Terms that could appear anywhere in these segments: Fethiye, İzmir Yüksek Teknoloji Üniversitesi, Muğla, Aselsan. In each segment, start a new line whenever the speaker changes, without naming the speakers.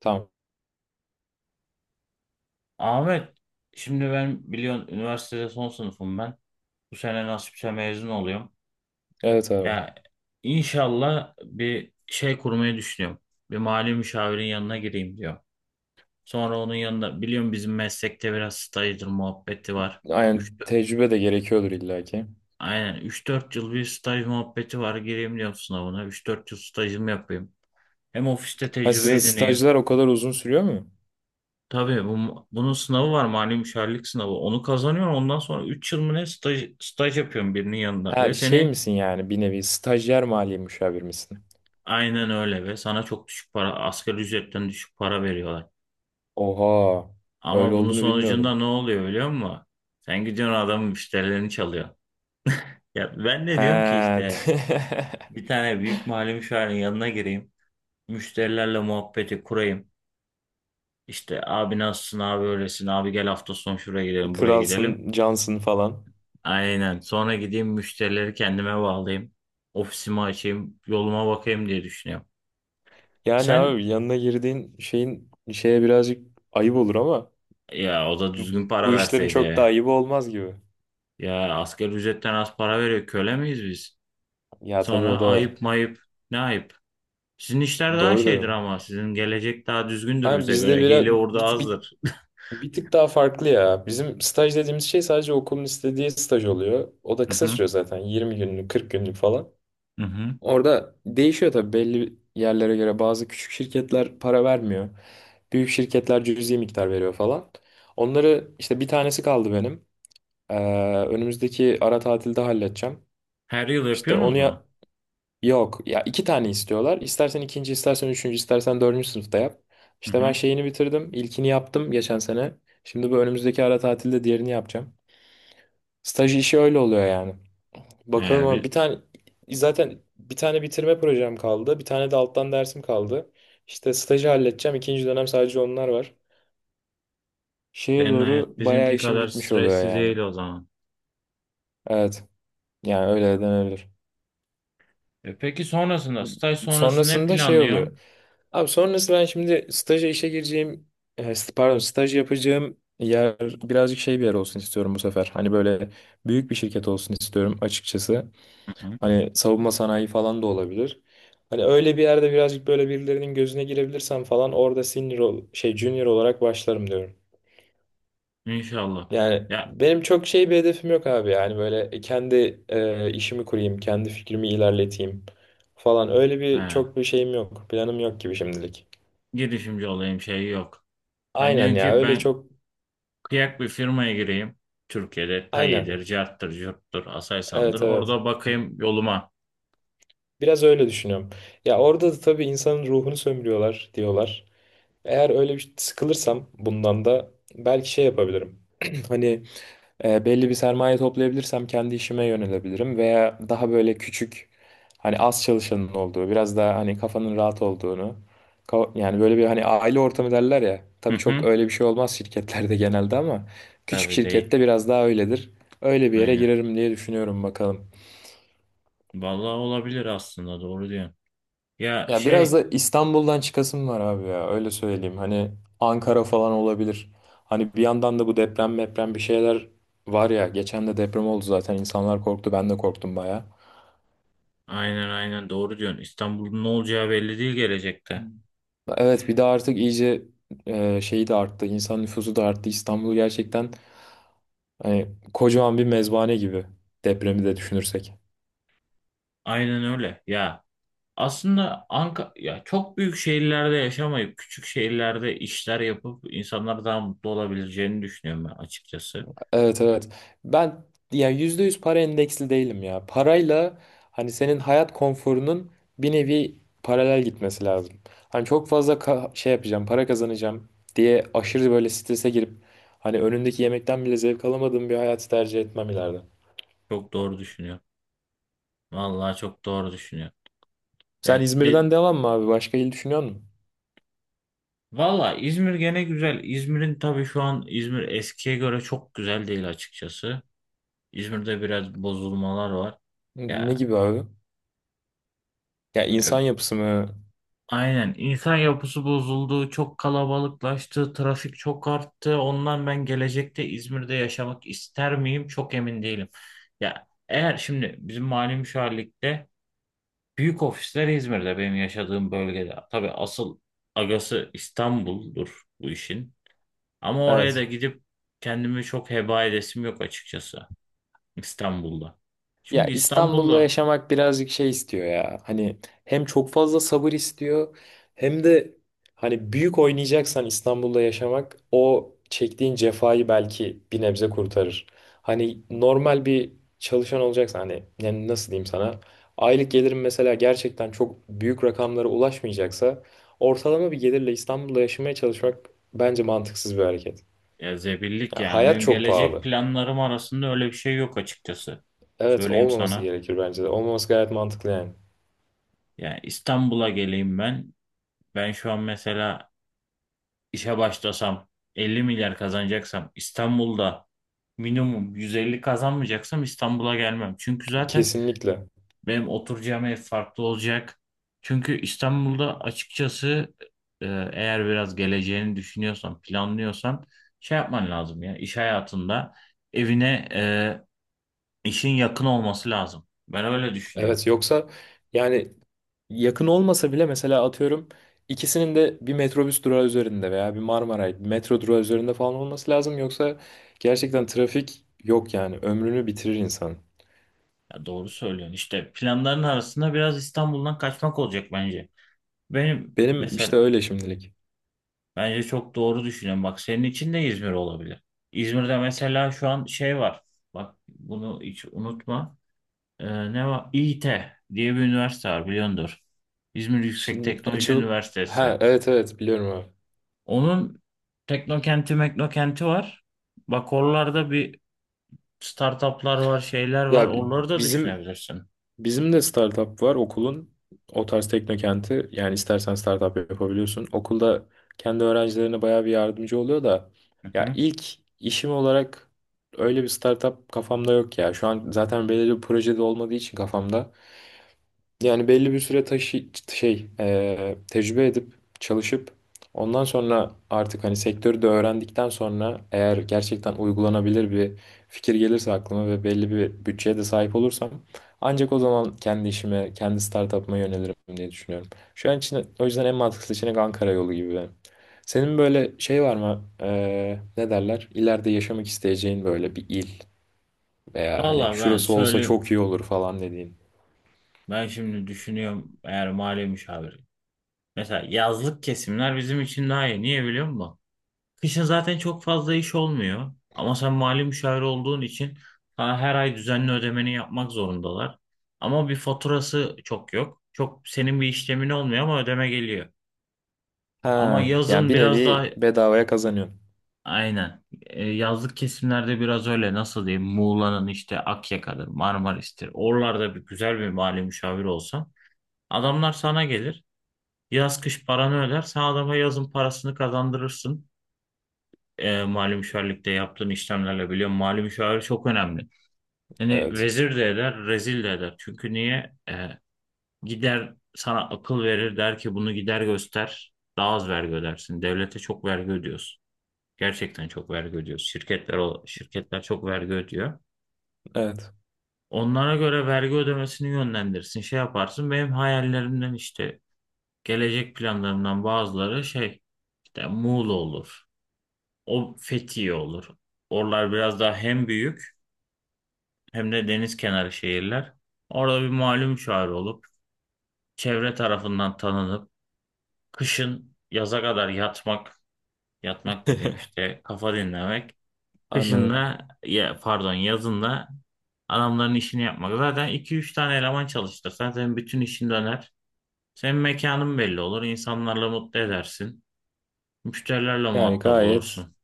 Tamam.
Ahmet, şimdi ben biliyorsun üniversitede son sınıfım ben. Bu sene nasipse mezun oluyorum.
Evet abi.
Ya, inşallah bir şey kurmayı düşünüyorum. Bir mali müşavirin yanına gireyim diyor. Sonra onun yanında biliyorum bizim meslekte biraz stajdır muhabbeti var.
Aynen,
3
tecrübe de gerekiyordur illaki.
Aynen, üç dört yıl bir staj muhabbeti var. Gireyim diyorum sınavına. Üç dört yıl stajımı yapayım. Hem ofiste
Ha,
tecrübe
sizin
edineyim.
stajlar o kadar uzun sürüyor mu?
Tabii bunun sınavı var, mali müşavirlik sınavı. Onu kazanıyorsun, ondan sonra 3 yıl mı ne staj yapıyorsun birinin yanında. Ve
Ha, şey
seni
misin, yani bir nevi stajyer maliye müşavir misin?
Aynen öyle, ve sana çok düşük para, asgari ücretten düşük para veriyorlar.
Oha. Öyle
Ama bunun
olduğunu
sonucunda
bilmiyordum.
ne oluyor biliyor musun? Sen gidiyorsun adamın müşterilerini çalıyor. Ya ben de diyorum ki
He.
işte bir tane büyük mali müşavirin yanına gireyim. Müşterilerle muhabbeti kurayım. İşte abi nasılsın abi öylesin abi gel hafta sonu şuraya gidelim buraya gidelim.
Kralsın, cansın falan.
Aynen. Sonra gideyim müşterileri kendime bağlayayım. Ofisimi açayım, yoluma bakayım diye düşünüyorum.
Yani
Sen
abi, yanına girdiğin şeyin şeye birazcık ayıp olur ama
Ya, o da düzgün para
bu işlerin çok da
verseydi.
ayıbı olmaz gibi.
Ya, asgari ücretten az para veriyor. Köle miyiz biz?
Ya tabii, o
Sonra
da var.
ayıp mayıp. Ne ayıp? Sizin işler daha
Doğru
şeydir
dedin.
ama sizin gelecek daha düzgündür
Ama
bize
bizde
göre.
biraz
Hile orada
bir, bir
azdır.
Bir tık daha farklı ya. Bizim staj dediğimiz şey sadece okulun istediği staj oluyor. O da
Hı
kısa
hı,
sürüyor zaten. 20 günlük, 40 günlük falan.
hı hı.
Orada değişiyor tabii belli yerlere göre. Bazı küçük şirketler para vermiyor. Büyük şirketler cüzi miktar veriyor falan. Onları işte, bir tanesi kaldı benim. Ee, Önümüzdeki ara tatilde halledeceğim.
Her yıl
İşte onu
yapıyorsunuz mu?
ya- Yok ya, iki tane istiyorlar. İstersen ikinci, istersen üçüncü, istersen dördüncü sınıfta yap.
Hı
İşte ben
hı.
şeyini bitirdim. İlkini yaptım geçen sene. Şimdi bu önümüzdeki ara tatilde diğerini yapacağım. Staj işi öyle oluyor yani. Bakalım,
Ee,
ama
bi-
bir tane, zaten bir tane bitirme projem kaldı. Bir tane de alttan dersim kaldı. İşte stajı halledeceğim. İkinci dönem sadece onlar var. Şeye
Senin
doğru
hayat
bayağı
bizimki
işim
kadar
bitmiş oluyor
stresli
yani.
değil o zaman.
Evet. Yani öyle denebilir.
E peki, sonrasında, staj sonrası ne
Sonrasında şey oluyor.
planlıyorsun?
Abi sonrasında ben şimdi staja işe gireceğim, pardon, staj yapacağım yer birazcık şey bir yer olsun istiyorum bu sefer. Hani böyle büyük bir şirket olsun istiyorum açıkçası.
Hı hı.
Hani savunma sanayi falan da olabilir. Hani öyle bir yerde birazcık böyle birilerinin gözüne girebilirsem falan, orada şey, junior olarak başlarım diyorum.
İnşallah.
Yani
Ya,
benim çok şey bir hedefim yok abi, yani böyle kendi, işimi kurayım, kendi fikrimi ilerleteyim falan, öyle bir
he,
çok bir şeyim yok, planım yok gibi şimdilik.
girişimci olayım şeyi yok. Sen
Aynen
diyorsun
ya,
ki
öyle
ben
çok.
kıyak bir firmaya gireyim. Türkiye'de
Aynen.
Tayi'dir, Cart'tır, Curt'tur, Aselsan'dır.
Evet, evet.
Orada bakayım yoluma.
Biraz öyle düşünüyorum. Ya orada da tabii insanın ruhunu sömürüyorlar diyorlar. Eğer öyle bir sıkılırsam bundan da belki şey yapabilirim. Hani belli bir sermaye toplayabilirsem kendi işime yönelebilirim, veya daha böyle küçük, hani az çalışanın olduğu, biraz daha hani kafanın rahat olduğunu, yani böyle bir, hani aile ortamı derler ya,
Hı
tabii çok
hı.
öyle bir şey olmaz şirketlerde genelde, ama küçük
Tabii değil.
şirkette biraz daha öyledir. Öyle bir yere
Aynen.
girerim diye düşünüyorum, bakalım.
Vallahi olabilir, aslında doğru diyorsun. Ya
Ya biraz
şey
da İstanbul'dan çıkasım var abi, ya öyle söyleyeyim. Hani Ankara falan olabilir. Hani bir yandan da bu deprem meprem bir şeyler var ya. Geçen de deprem oldu zaten, insanlar korktu, ben de korktum baya.
aynen, aynen, doğru diyorsun. İstanbul'un ne olacağı belli değil
Hı.
gelecekte.
Evet, bir de artık iyice, şeyi de arttı. İnsan nüfusu da arttı. İstanbul gerçekten hani kocaman bir mezbahane gibi, depremi de düşünürsek.
Aynen öyle. Ya, aslında Ankara ya çok büyük şehirlerde yaşamayıp küçük şehirlerde işler yapıp insanlar daha mutlu olabileceğini düşünüyorum ben açıkçası.
Evet, evet. Ben yani yüzde yüz para endeksli değilim ya. Parayla hani senin hayat konforunun bir nevi paralel gitmesi lazım. Hani çok fazla şey yapacağım, para kazanacağım diye aşırı böyle strese girip, hani önündeki yemekten bile zevk alamadığım bir hayatı tercih etmem ileride.
Çok doğru düşünüyor. Vallahi çok doğru düşünüyor.
Sen
Ya de,
İzmir'den devam mı abi? Başka il düşünüyor musun?
Vallahi İzmir gene güzel. İzmir'in tabii şu an İzmir eskiye göre çok güzel değil açıkçası. İzmir'de biraz bozulmalar var.
Ne
Ya,
gibi abi? Ya, insan yapısı mı?
aynen. İnsan yapısı bozuldu, çok kalabalıklaştı, trafik çok arttı. Ondan ben gelecekte İzmir'de yaşamak ister miyim? Çok emin değilim. Ya, eğer şimdi bizim mali müşavirlikte büyük ofisler İzmir'de, benim yaşadığım bölgede. Tabii asıl agası İstanbul'dur bu işin. Ama oraya da
Evet.
gidip kendimi çok heba edesim yok açıkçası İstanbul'da.
Ya
Çünkü
İstanbul'da
İstanbul'da
yaşamak birazcık şey istiyor ya. Hani hem çok fazla sabır istiyor, hem de hani büyük oynayacaksan İstanbul'da yaşamak o çektiğin cefayı belki bir nebze kurtarır. Hani normal bir çalışan olacaksan, hani yani nasıl diyeyim sana? Aylık gelirim mesela gerçekten çok büyük rakamlara ulaşmayacaksa, ortalama bir gelirle İstanbul'da yaşamaya çalışmak bence mantıksız bir hareket.
Ya, zebillik
Ya
yani
hayat
benim
çok
gelecek
pahalı.
planlarım arasında öyle bir şey yok açıkçası.
Evet,
Söyleyeyim
olmaması
sana.
gerekir bence de. Olmaması gayet mantıklı yani.
Yani İstanbul'a geleyim ben. Ben şu an mesela işe başlasam 50 milyar kazanacaksam İstanbul'da, minimum 150 kazanmayacaksam İstanbul'a gelmem. Çünkü zaten
Kesinlikle.
benim oturacağım ev farklı olacak. Çünkü İstanbul'da açıkçası, e, eğer biraz geleceğini düşünüyorsan, planlıyorsan, şey yapman lazım ya iş hayatında, evine İşin yakın olması lazım. Ben öyle düşünüyorum.
Evet, yoksa yani, yakın olmasa bile mesela atıyorum, ikisinin de bir metrobüs durağı üzerinde veya bir Marmaray, bir metro durağı üzerinde falan olması lazım. Yoksa gerçekten trafik yok, yani ömrünü bitirir insan.
Ya, doğru söylüyorsun. İşte planların arasında biraz İstanbul'dan kaçmak olacak bence. Benim
Benim işte
mesela
öyle şimdilik.
Bence çok doğru düşünüyorum. Bak, senin için de İzmir olabilir. İzmir'de mesela şu an şey var. Bak, bunu hiç unutma. Ee, Ne var? İİT diye bir üniversite var, biliyordur. İzmir Yüksek
Şimdi
Teknoloji
açılıp
Üniversitesi.
ha, evet evet, biliyorum abi.
Onun teknokenti meknokenti var. Bak, oralarda bir startuplar var, şeyler var.
Ya
Oraları da
bizim
düşünebilirsin.
bizim de startup var okulun. O tarz teknokenti, yani istersen startup yapabiliyorsun. Okulda kendi öğrencilerine bayağı bir yardımcı oluyor da,
Hı
ya
hı.
ilk işim olarak öyle bir startup kafamda yok ya. Şu an zaten belirli bir projede olmadığı için kafamda, yani belli bir süre taşı şey, tecrübe edip, çalışıp, ondan sonra artık hani sektörü de öğrendikten sonra, eğer gerçekten uygulanabilir bir fikir gelirse aklıma ve belli bir bütçeye de sahip olursam, ancak o zaman kendi işime, kendi startup'ıma yönelirim diye düşünüyorum. Şu an için o yüzden en mantıklı seçenek Ankara yolu gibi benim. Senin böyle şey var mı? E, ne derler? İleride yaşamak isteyeceğin böyle bir il, veya hani
Valla, ben
şurası olsa
söyleyeyim.
çok iyi olur falan dediğin.
Ben şimdi düşünüyorum, eğer mali müşavir. Mesela yazlık kesimler bizim için daha iyi. Niye biliyor musun? Kışın zaten çok fazla iş olmuyor. Ama sen mali müşavir olduğun için sana her ay düzenli ödemeni yapmak zorundalar. Ama bir faturası çok yok. Çok senin bir işlemin olmuyor ama ödeme geliyor. Ama
Ha, ya
yazın
bir
biraz daha
nevi bedavaya kazanıyorsun.
aynen. Yazlık kesimlerde biraz öyle, nasıl diyeyim? Muğla'nın işte Akyaka'dır, Marmaris'tir. Oralarda bir güzel bir mali müşavir olsa, adamlar sana gelir. Yaz kış paranı öder. Sen adama yazın parasını kazandırırsın. Mali müşavirlikte yaptığın işlemlerle biliyorum. Mali müşavir çok önemli. Yani
Evet.
vezir de eder, rezil de eder. Çünkü niye? Gider sana akıl verir, der ki bunu gider göster. Daha az vergi ödersin. Devlete çok vergi ödüyorsun. Gerçekten çok vergi ödüyorsun. Şirketler çok vergi ödüyor.
Evet.
Onlara göre vergi ödemesini yönlendirsin. Şey yaparsın. Benim hayallerimden, işte gelecek planlarımdan bazıları, şey işte Muğla olur. O Fethiye olur. Oralar biraz daha hem büyük hem de deniz kenarı şehirler. Orada bir malum çağrı olup, çevre tarafından tanınıp, kışın yaza kadar yatmak, yatmak dediğim işte kafa dinlemek. Kışın
Anladım.
da ya, pardon, yazın da adamların işini yapmak. Zaten iki üç tane eleman çalıştırsan senin bütün işin döner. Senin mekanın belli olur. insanlarla mutlu edersin. Müşterilerle
Yani
muhatap
gayet,
olursun.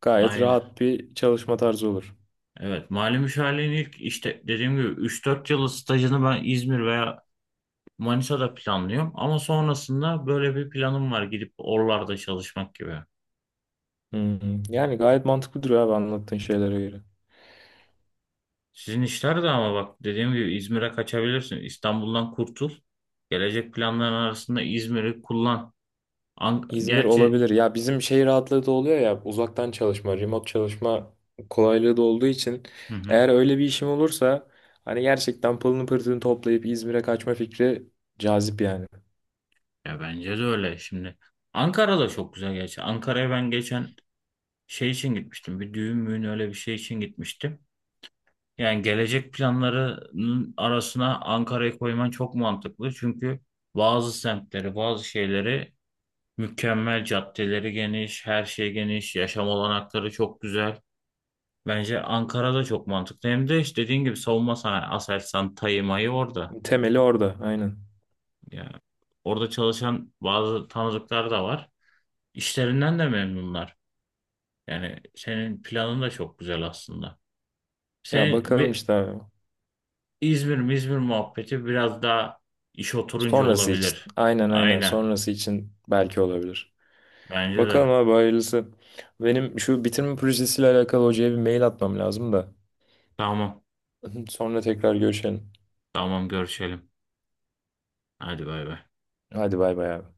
gayet
Aynen.
rahat bir çalışma tarzı olur.
Evet. Mali müşavirliğin ilk, işte dediğim gibi, üç dört yıllık stajını ben İzmir veya Manisa'da planlıyorum. Ama sonrasında böyle bir planım var, gidip oralarda çalışmak gibi.
Hı hı. Yani gayet mantıklı duruyor abi, anlattığın şeylere göre.
Sizin işler de ama bak, dediğim gibi, İzmir'e kaçabilirsin. İstanbul'dan kurtul. Gelecek planların arasında İzmir'i kullan.
İzmir
Gerçi.
olabilir. Ya bizim şey rahatlığı da oluyor ya, uzaktan çalışma, remote çalışma kolaylığı da olduğu için,
Hı hı.
eğer öyle bir işim olursa hani gerçekten pılını pırtını toplayıp İzmir'e kaçma fikri cazip yani.
Ya, bence de öyle şimdi. Ankara da çok güzel gerçi. Ankara'ya ben geçen şey için gitmiştim. Bir düğün müğün öyle bir şey için gitmiştim. Yani gelecek planlarının arasına Ankara'yı koyman çok mantıklı. Çünkü bazı semtleri, bazı şeyleri mükemmel, caddeleri geniş, her şey geniş, yaşam olanakları çok güzel. Bence Ankara da çok mantıklı. Hem de işte dediğin gibi savunma sanayi, Aselsan, Tayyip Mayı orada.
Temeli orada, aynen.
Yani orada çalışan bazı tanıdıklar da var. İşlerinden de memnunlar. Yani senin planın da çok güzel aslında.
Ya
Sen
bakalım işte abi.
İzmir mi İzmir muhabbeti biraz daha iş oturunca
Sonrası için.
olabilir.
Aynen, aynen.
Aynen.
Sonrası için belki olabilir.
Bence de.
Bakalım abi, hayırlısı. Benim şu bitirme projesiyle alakalı hocaya bir mail atmam lazım da.
Tamam.
Sonra tekrar görüşelim.
Tamam, görüşelim. Hadi bay bay.
Hadi bay bay abi.